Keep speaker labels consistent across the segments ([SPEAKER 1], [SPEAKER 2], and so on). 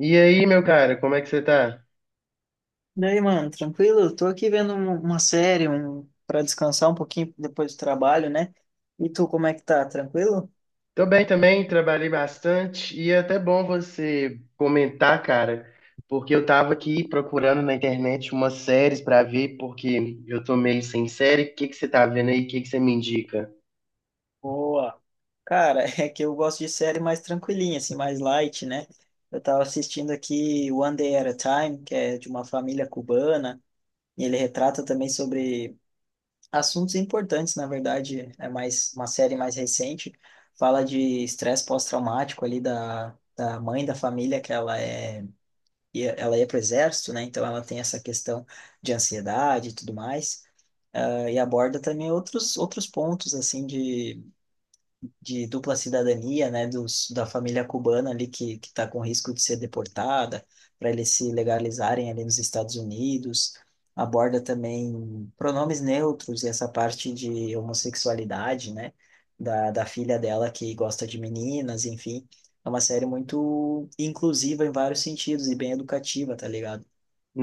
[SPEAKER 1] E aí, meu cara, como é que você tá?
[SPEAKER 2] Daí, mano, tranquilo? Tô aqui vendo uma série, um para descansar um pouquinho depois do trabalho, né? E tu, como é que tá? Tranquilo?
[SPEAKER 1] Tô bem também, trabalhei bastante e é até bom você comentar, cara, porque eu tava aqui procurando na internet umas séries pra ver, porque eu tô meio sem série. O que que você tá vendo aí? O que que você me indica?
[SPEAKER 2] Boa. Cara, é que eu gosto de série mais tranquilinha, assim, mais light, né? Eu tava assistindo aqui One Day at a Time, que é de uma família cubana, e ele retrata também sobre assuntos importantes. Na verdade, é mais uma série mais recente, fala de estresse pós-traumático ali da mãe da família, que ela é e ela ia para o exército, né? Então ela tem essa questão de ansiedade e tudo mais. E aborda também outros pontos assim de dupla cidadania, né? Da família cubana ali que está com risco de ser deportada para eles se legalizarem ali nos Estados Unidos. Aborda também pronomes neutros e essa parte de homossexualidade, né? Da filha dela que gosta de meninas, enfim. É uma série muito inclusiva em vários sentidos e bem educativa, tá ligado?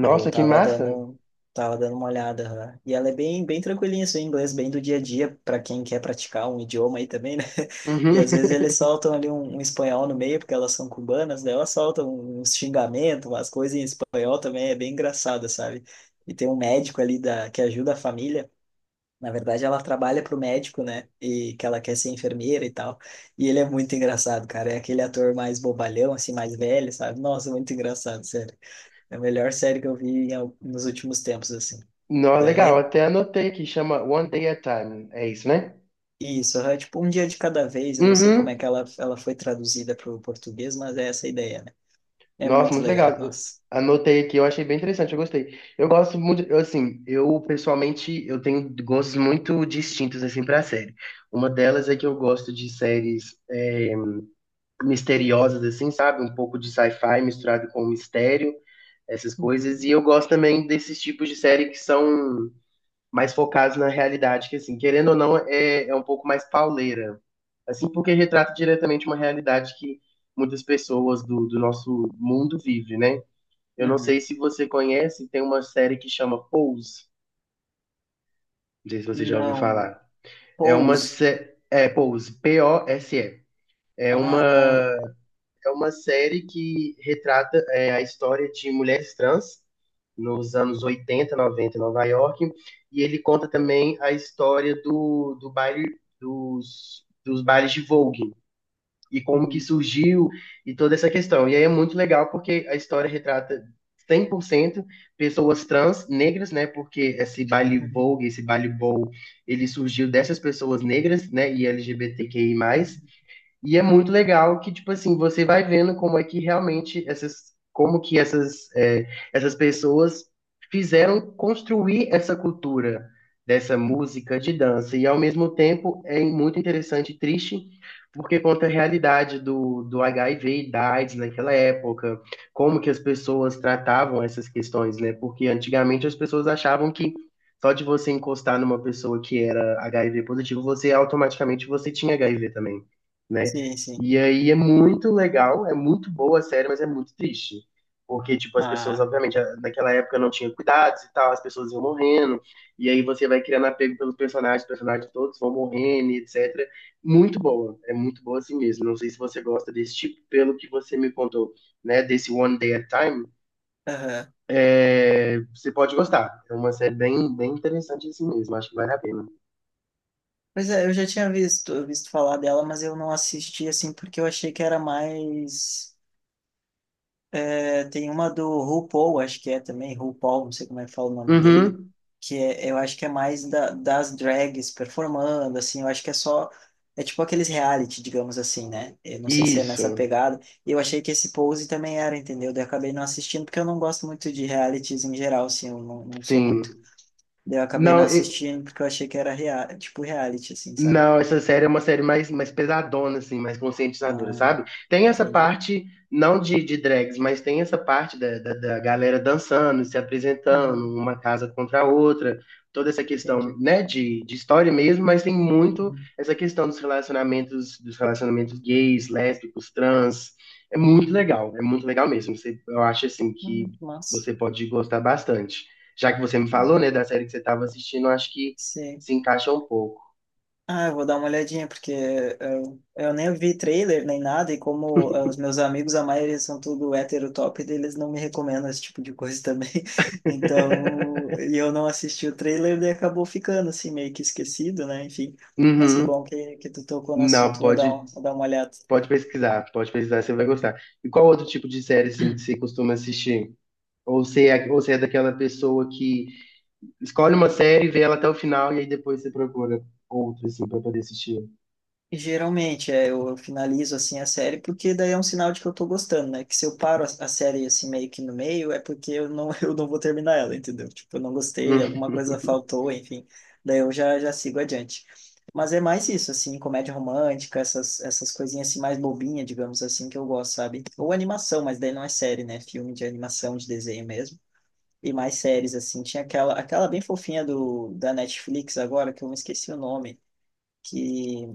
[SPEAKER 2] Aí eu
[SPEAKER 1] que massa!
[SPEAKER 2] tava dando uma olhada, né? E ela é bem, bem tranquilinha, assim, o inglês bem do dia a dia, para quem quer praticar um idioma aí também, né? E
[SPEAKER 1] Uhum.
[SPEAKER 2] às vezes eles soltam ali um espanhol no meio, porque elas são cubanas, daí elas soltam uns xingamentos, umas coisas em espanhol também, é bem engraçado, sabe? E tem um médico ali da, que ajuda a família. Na verdade, ela trabalha pro médico, né? E que ela quer ser enfermeira e tal. E ele é muito engraçado, cara. É aquele ator mais bobalhão, assim, mais velho, sabe? Nossa, muito engraçado, sério. É a melhor série que eu vi em nos últimos tempos, assim.
[SPEAKER 1] Não,
[SPEAKER 2] É,
[SPEAKER 1] legal,
[SPEAKER 2] é
[SPEAKER 1] até anotei aqui, chama One Day at a Time, é isso, né?
[SPEAKER 2] isso, é tipo um dia de cada vez. Eu não sei como é
[SPEAKER 1] Uhum.
[SPEAKER 2] que ela foi traduzida para o português, mas é essa a ideia, né? É
[SPEAKER 1] Nossa,
[SPEAKER 2] muito
[SPEAKER 1] muito
[SPEAKER 2] legal,
[SPEAKER 1] legal.
[SPEAKER 2] nossa.
[SPEAKER 1] Anotei aqui, eu achei bem interessante, eu gostei. Eu gosto muito, eu, assim, eu pessoalmente, eu tenho gostos muito distintos, assim, pra série. Uma delas é que eu gosto de séries misteriosas, assim, sabe? Um pouco de sci-fi misturado com mistério, essas coisas.
[SPEAKER 2] Uhum,
[SPEAKER 1] E eu gosto também desses tipos de série que são mais focados na realidade, que, assim, querendo ou não, é um pouco mais pauleira. Assim, porque retrata diretamente uma realidade que muitas pessoas do nosso mundo vivem, né? Eu não sei
[SPEAKER 2] uhum.
[SPEAKER 1] se você conhece, tem uma série que chama Pose. Não sei se você já ouviu
[SPEAKER 2] Não.
[SPEAKER 1] falar. É uma
[SPEAKER 2] Pose.
[SPEAKER 1] sé- é Pose, Pose. É uma
[SPEAKER 2] Ah, com.
[SPEAKER 1] é uma série que retrata a história de mulheres trans nos anos 80, 90 em Nova York, e ele conta também a história do baile dos bailes de Vogue. E como que
[SPEAKER 2] Uhum,
[SPEAKER 1] surgiu e toda essa questão. E aí é muito legal porque a história retrata 100% pessoas trans negras, né? Porque esse baile
[SPEAKER 2] uhum,
[SPEAKER 1] Vogue, esse baile Bowl, ele surgiu dessas pessoas negras, né? E LGBTQI+
[SPEAKER 2] uhum.
[SPEAKER 1] e é muito legal que, tipo assim, você vai vendo como é que realmente essas, como que essas, essas pessoas fizeram construir essa cultura dessa música de dança. E ao mesmo tempo é muito interessante e triste, porque conta a realidade do HIV e da AIDS naquela época, como que as pessoas tratavam essas questões, né? Porque antigamente as pessoas achavam que só de você encostar numa pessoa que era HIV positivo, você automaticamente você tinha HIV também, né?
[SPEAKER 2] Sim, sim.
[SPEAKER 1] E aí é muito legal, é muito boa a série, mas é muito triste. Porque, tipo, as pessoas,
[SPEAKER 2] Ah,
[SPEAKER 1] obviamente, naquela época não tinha cuidados e tal, as pessoas iam morrendo, e aí você vai criando apego pelos personagens, os personagens todos vão morrendo, e etc. Muito boa, é muito boa assim mesmo. Não sei se você gosta desse tipo, pelo que você me contou, né, desse One Day at a Time,
[SPEAKER 2] aham.
[SPEAKER 1] você pode gostar. É uma série bem, bem interessante assim mesmo, acho que vale a pena.
[SPEAKER 2] Pois é, eu já tinha visto falar dela, mas eu não assisti, assim, porque eu achei que era mais. É, tem uma do RuPaul, acho que é também, RuPaul, não sei como é que fala o nome dele,
[SPEAKER 1] Uhum,
[SPEAKER 2] que é, eu acho que é mais das drags performando, assim, eu acho que é só, é tipo aqueles reality, digamos assim, né? Eu não sei se é nessa
[SPEAKER 1] isso,
[SPEAKER 2] pegada, e eu achei que esse Pose também era, entendeu? Daí eu acabei não assistindo, porque eu não gosto muito de realities em geral, assim, eu não, não sou muito.
[SPEAKER 1] sim.
[SPEAKER 2] Daí eu acabei não
[SPEAKER 1] Não,
[SPEAKER 2] assistindo, porque eu achei que era rea tipo reality, assim, sabe?
[SPEAKER 1] não, essa série é uma série mais pesadona, assim, mais conscientizadora,
[SPEAKER 2] Ah,
[SPEAKER 1] sabe? Tem essa
[SPEAKER 2] entendi.
[SPEAKER 1] parte, não de drags, mas tem essa parte da galera dançando, se apresentando,
[SPEAKER 2] Uhum,
[SPEAKER 1] uma casa contra a outra, toda essa questão,
[SPEAKER 2] entendi.
[SPEAKER 1] né, de história mesmo, mas tem muito
[SPEAKER 2] Uhum,
[SPEAKER 1] essa questão dos relacionamentos gays, lésbicos, trans.
[SPEAKER 2] uhum.
[SPEAKER 1] É muito legal mesmo. Eu acho, assim, que
[SPEAKER 2] Massa.
[SPEAKER 1] você pode gostar bastante. Já que você me
[SPEAKER 2] Ah,
[SPEAKER 1] falou, né, da série que você estava assistindo, eu acho que
[SPEAKER 2] sim.
[SPEAKER 1] se encaixa um pouco.
[SPEAKER 2] Ah, eu vou dar uma olhadinha, porque eu nem vi trailer nem nada, e como os meus amigos, a maioria são tudo hétero top, eles não me recomendam esse tipo de coisa também. Então, e eu não assisti o trailer, e acabou ficando assim, meio que esquecido, né? Enfim, mas que
[SPEAKER 1] Uhum.
[SPEAKER 2] bom que tu tocou no assunto,
[SPEAKER 1] Não,
[SPEAKER 2] vou
[SPEAKER 1] pode,
[SPEAKER 2] vou dar uma olhada.
[SPEAKER 1] pode pesquisar, pode pesquisar, você vai gostar. E qual outro tipo de série assim, que você costuma assistir? Ou você é daquela pessoa que escolhe uma série, vê ela até o final e aí depois você procura outra assim para poder assistir?
[SPEAKER 2] Geralmente, é, eu finalizo assim a série porque daí é um sinal de que eu tô gostando, né? Que se eu paro a série assim meio que no meio é porque eu não, eu não vou terminar ela, entendeu? Tipo, eu não gostei, alguma
[SPEAKER 1] Hum.
[SPEAKER 2] coisa faltou, enfim. Daí eu já sigo adiante. Mas é mais isso, assim, comédia romântica, essas coisinhas assim mais bobinha, digamos assim, que eu gosto, sabe? Ou animação, mas daí não é série, né? Filme de animação, de desenho mesmo. E mais séries, assim. Tinha aquela bem fofinha da Netflix agora, que eu me esqueci o nome que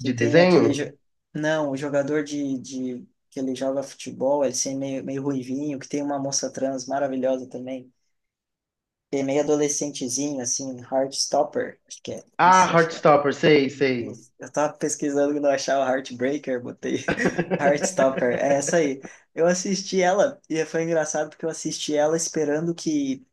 [SPEAKER 1] De
[SPEAKER 2] tem
[SPEAKER 1] desenho?
[SPEAKER 2] Não, o jogador de que ele joga futebol, ele assim, meio ruivinho, que tem uma moça trans maravilhosa também. Que é meio adolescentezinho, assim, Heartstopper, acho que é.
[SPEAKER 1] Ah,
[SPEAKER 2] Esse, acho que é.
[SPEAKER 1] Heartstopper, sei, sei.
[SPEAKER 2] Esse. Eu tava pesquisando que não achava Heartbreaker, botei Heartstopper, é essa aí. Eu assisti ela e foi engraçado porque eu assisti ela esperando que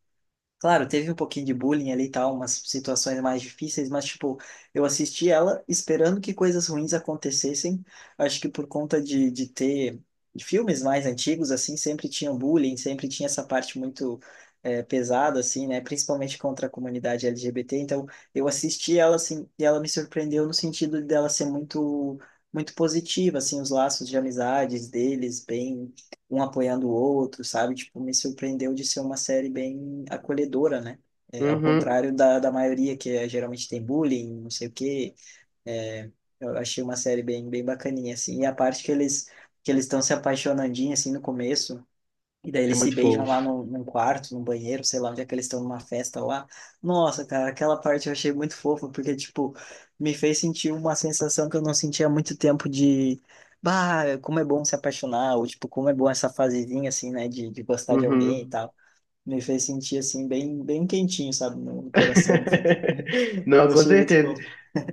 [SPEAKER 2] claro, teve um pouquinho de bullying ali e tal, umas situações mais difíceis, mas, tipo, eu assisti ela esperando que coisas ruins acontecessem. Acho que por conta de ter filmes mais antigos, assim, sempre tinha um bullying, sempre tinha essa parte muito pesada, assim, né? Principalmente contra a comunidade LGBT. Então, eu assisti ela, assim, e ela me surpreendeu no sentido dela ser muito, muito positiva, assim, os laços de amizades deles, bem um apoiando o outro, sabe? Tipo, me surpreendeu de ser uma série bem acolhedora, né? É, ao
[SPEAKER 1] Uhum.
[SPEAKER 2] contrário da maioria, que é, geralmente tem bullying, não sei o quê. É, eu achei uma série bem, bem bacaninha, assim. E a parte que eles estão se apaixonandinho, assim, no começo, e daí
[SPEAKER 1] É
[SPEAKER 2] eles se
[SPEAKER 1] muito
[SPEAKER 2] beijam lá
[SPEAKER 1] fofo.
[SPEAKER 2] no, num quarto, num banheiro, sei lá onde é que eles estão numa festa lá. Nossa, cara, aquela parte eu achei muito fofa, porque, tipo, me fez sentir uma sensação que eu não sentia há muito tempo de, bah, como é bom se apaixonar, ou, tipo, como é bom essa fasezinha, assim, né, de gostar de alguém e
[SPEAKER 1] Uhum.
[SPEAKER 2] tal. Me fez sentir, assim, bem, bem quentinho, sabe, no coração, enfim.
[SPEAKER 1] Não,
[SPEAKER 2] Eu
[SPEAKER 1] com
[SPEAKER 2] achei muito
[SPEAKER 1] certeza.
[SPEAKER 2] fofo.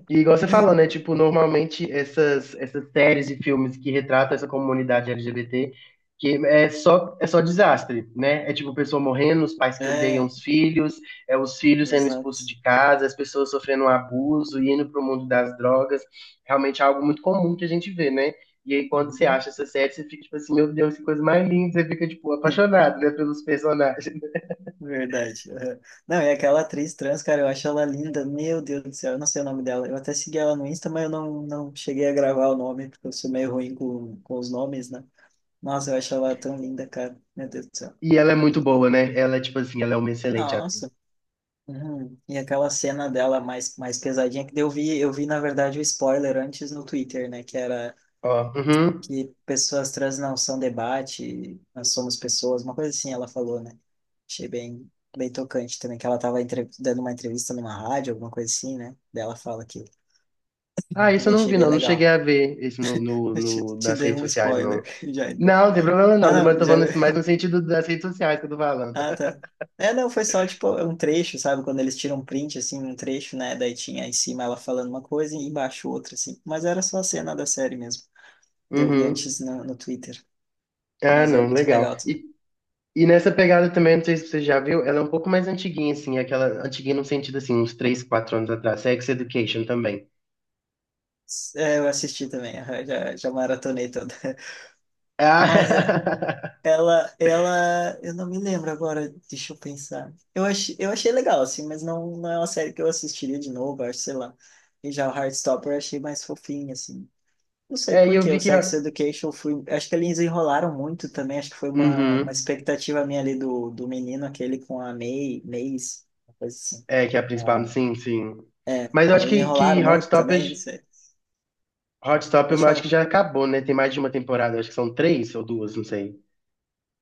[SPEAKER 1] E igual você falou, né? Tipo, normalmente essas séries e filmes que retratam essa comunidade LGBT, que é só desastre, né? É tipo pessoa morrendo, os pais que odeiam
[SPEAKER 2] É,
[SPEAKER 1] os filhos, é os filhos sendo expulsos
[SPEAKER 2] exato.
[SPEAKER 1] de casa, as pessoas sofrendo um abuso, indo pro mundo das drogas. Realmente é algo muito comum que a gente vê, né? E aí quando você
[SPEAKER 2] Uhum.
[SPEAKER 1] acha essa série, você fica tipo assim, meu Deus, que coisa mais linda, você fica tipo apaixonado, né, pelos personagens.
[SPEAKER 2] Verdade. Aham. Não, e aquela atriz trans, cara, eu acho ela linda. Meu Deus do céu, eu não sei o nome dela. Eu até segui ela no Insta, mas eu não, não cheguei a gravar o nome, porque eu sou meio ruim com os nomes, né? Nossa, eu acho ela tão linda, cara. Meu Deus do céu.
[SPEAKER 1] E ela é muito boa, né? Ela, tipo assim, ela é uma excelente atriz.
[SPEAKER 2] Nossa. Uhum. E aquela cena dela mais, mais pesadinha, que daí eu vi, na verdade, o spoiler antes no Twitter, né? Que era
[SPEAKER 1] Ó, uhum.
[SPEAKER 2] que pessoas trans não são debate, nós somos pessoas, uma coisa assim ela falou, né? Achei bem, bem tocante também, que ela estava dando uma entrevista numa rádio, alguma coisa assim, né? Daí ela fala aquilo.
[SPEAKER 1] Ah, isso eu
[SPEAKER 2] Também
[SPEAKER 1] não
[SPEAKER 2] achei
[SPEAKER 1] vi,
[SPEAKER 2] bem
[SPEAKER 1] não. Não cheguei
[SPEAKER 2] legal.
[SPEAKER 1] a ver isso
[SPEAKER 2] Eu te
[SPEAKER 1] nas
[SPEAKER 2] dei
[SPEAKER 1] redes
[SPEAKER 2] um
[SPEAKER 1] sociais, não.
[SPEAKER 2] spoiler já então.
[SPEAKER 1] Não, não tem problema
[SPEAKER 2] Ah,
[SPEAKER 1] não. Mas eu
[SPEAKER 2] não,
[SPEAKER 1] tô
[SPEAKER 2] já.
[SPEAKER 1] falando assim, mais no sentido das redes sociais que eu tô falando.
[SPEAKER 2] Ah, tá. É, não, foi só tipo um trecho, sabe? Quando eles tiram um print, assim, um trecho, né? Daí tinha em cima ela falando uma coisa e embaixo outra, assim. Mas era só a cena da série mesmo. Eu vi antes
[SPEAKER 1] Uhum.
[SPEAKER 2] no Twitter.
[SPEAKER 1] Ah,
[SPEAKER 2] Mas é
[SPEAKER 1] não,
[SPEAKER 2] muito
[SPEAKER 1] legal.
[SPEAKER 2] legal
[SPEAKER 1] E,
[SPEAKER 2] também.
[SPEAKER 1] e nessa pegada também, não sei se você já viu, ela é um pouco mais antiguinha, assim, aquela antiguinha no sentido assim, uns 3, 4 anos atrás. Sex Education também.
[SPEAKER 2] É, eu assisti também, aham, já maratonei toda. Mas é,
[SPEAKER 1] Ah,
[SPEAKER 2] ela, eu não me lembro agora, deixa eu pensar. Eu achei legal, assim, mas não é uma série que eu assistiria de novo, acho, sei lá. E já o Heartstopper eu achei mais fofinho, assim. Não sei
[SPEAKER 1] e
[SPEAKER 2] por
[SPEAKER 1] eu
[SPEAKER 2] quê,
[SPEAKER 1] vi
[SPEAKER 2] o
[SPEAKER 1] que.
[SPEAKER 2] Sex Education fui, acho que eles enrolaram muito também, acho que foi uma
[SPEAKER 1] Uhum.
[SPEAKER 2] expectativa minha ali do menino aquele com a May, Maze, uma coisa assim.
[SPEAKER 1] É, que é a principal,
[SPEAKER 2] Ah,
[SPEAKER 1] sim, sim. Mas eu acho
[SPEAKER 2] eles
[SPEAKER 1] que,
[SPEAKER 2] enrolaram
[SPEAKER 1] que Hot
[SPEAKER 2] muito também, não
[SPEAKER 1] Topic,
[SPEAKER 2] sei.
[SPEAKER 1] Hot Topic, eu acho que
[SPEAKER 2] Pode
[SPEAKER 1] já acabou, né? Tem mais de uma temporada, acho que são três ou duas, não sei.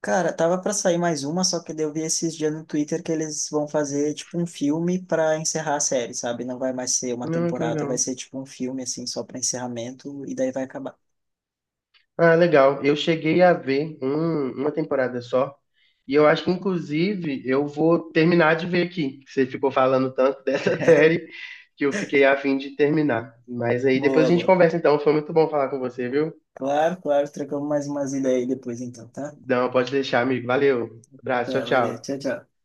[SPEAKER 2] Cara, tava pra sair mais uma, só que daí eu vi esses dias no Twitter que eles vão fazer tipo um filme pra encerrar a série, sabe? Não vai mais ser uma
[SPEAKER 1] Não, que
[SPEAKER 2] temporada, vai
[SPEAKER 1] legal.
[SPEAKER 2] ser tipo um filme assim só pra encerramento e daí vai acabar.
[SPEAKER 1] Ah, legal. Eu cheguei a ver uma temporada só. E eu acho que, inclusive, eu vou terminar de ver aqui. Você ficou falando tanto dessa série que eu fiquei a fim de terminar. Mas aí depois a
[SPEAKER 2] Boa,
[SPEAKER 1] gente
[SPEAKER 2] boa.
[SPEAKER 1] conversa, então. Foi muito bom falar com você, viu?
[SPEAKER 2] Claro, claro, trocamos mais umas ideias aí depois então, tá?
[SPEAKER 1] Não, pode deixar, amigo. Valeu. Abraço, tchau,
[SPEAKER 2] Tá, valeu.
[SPEAKER 1] tchau.
[SPEAKER 2] Tchau, tchau.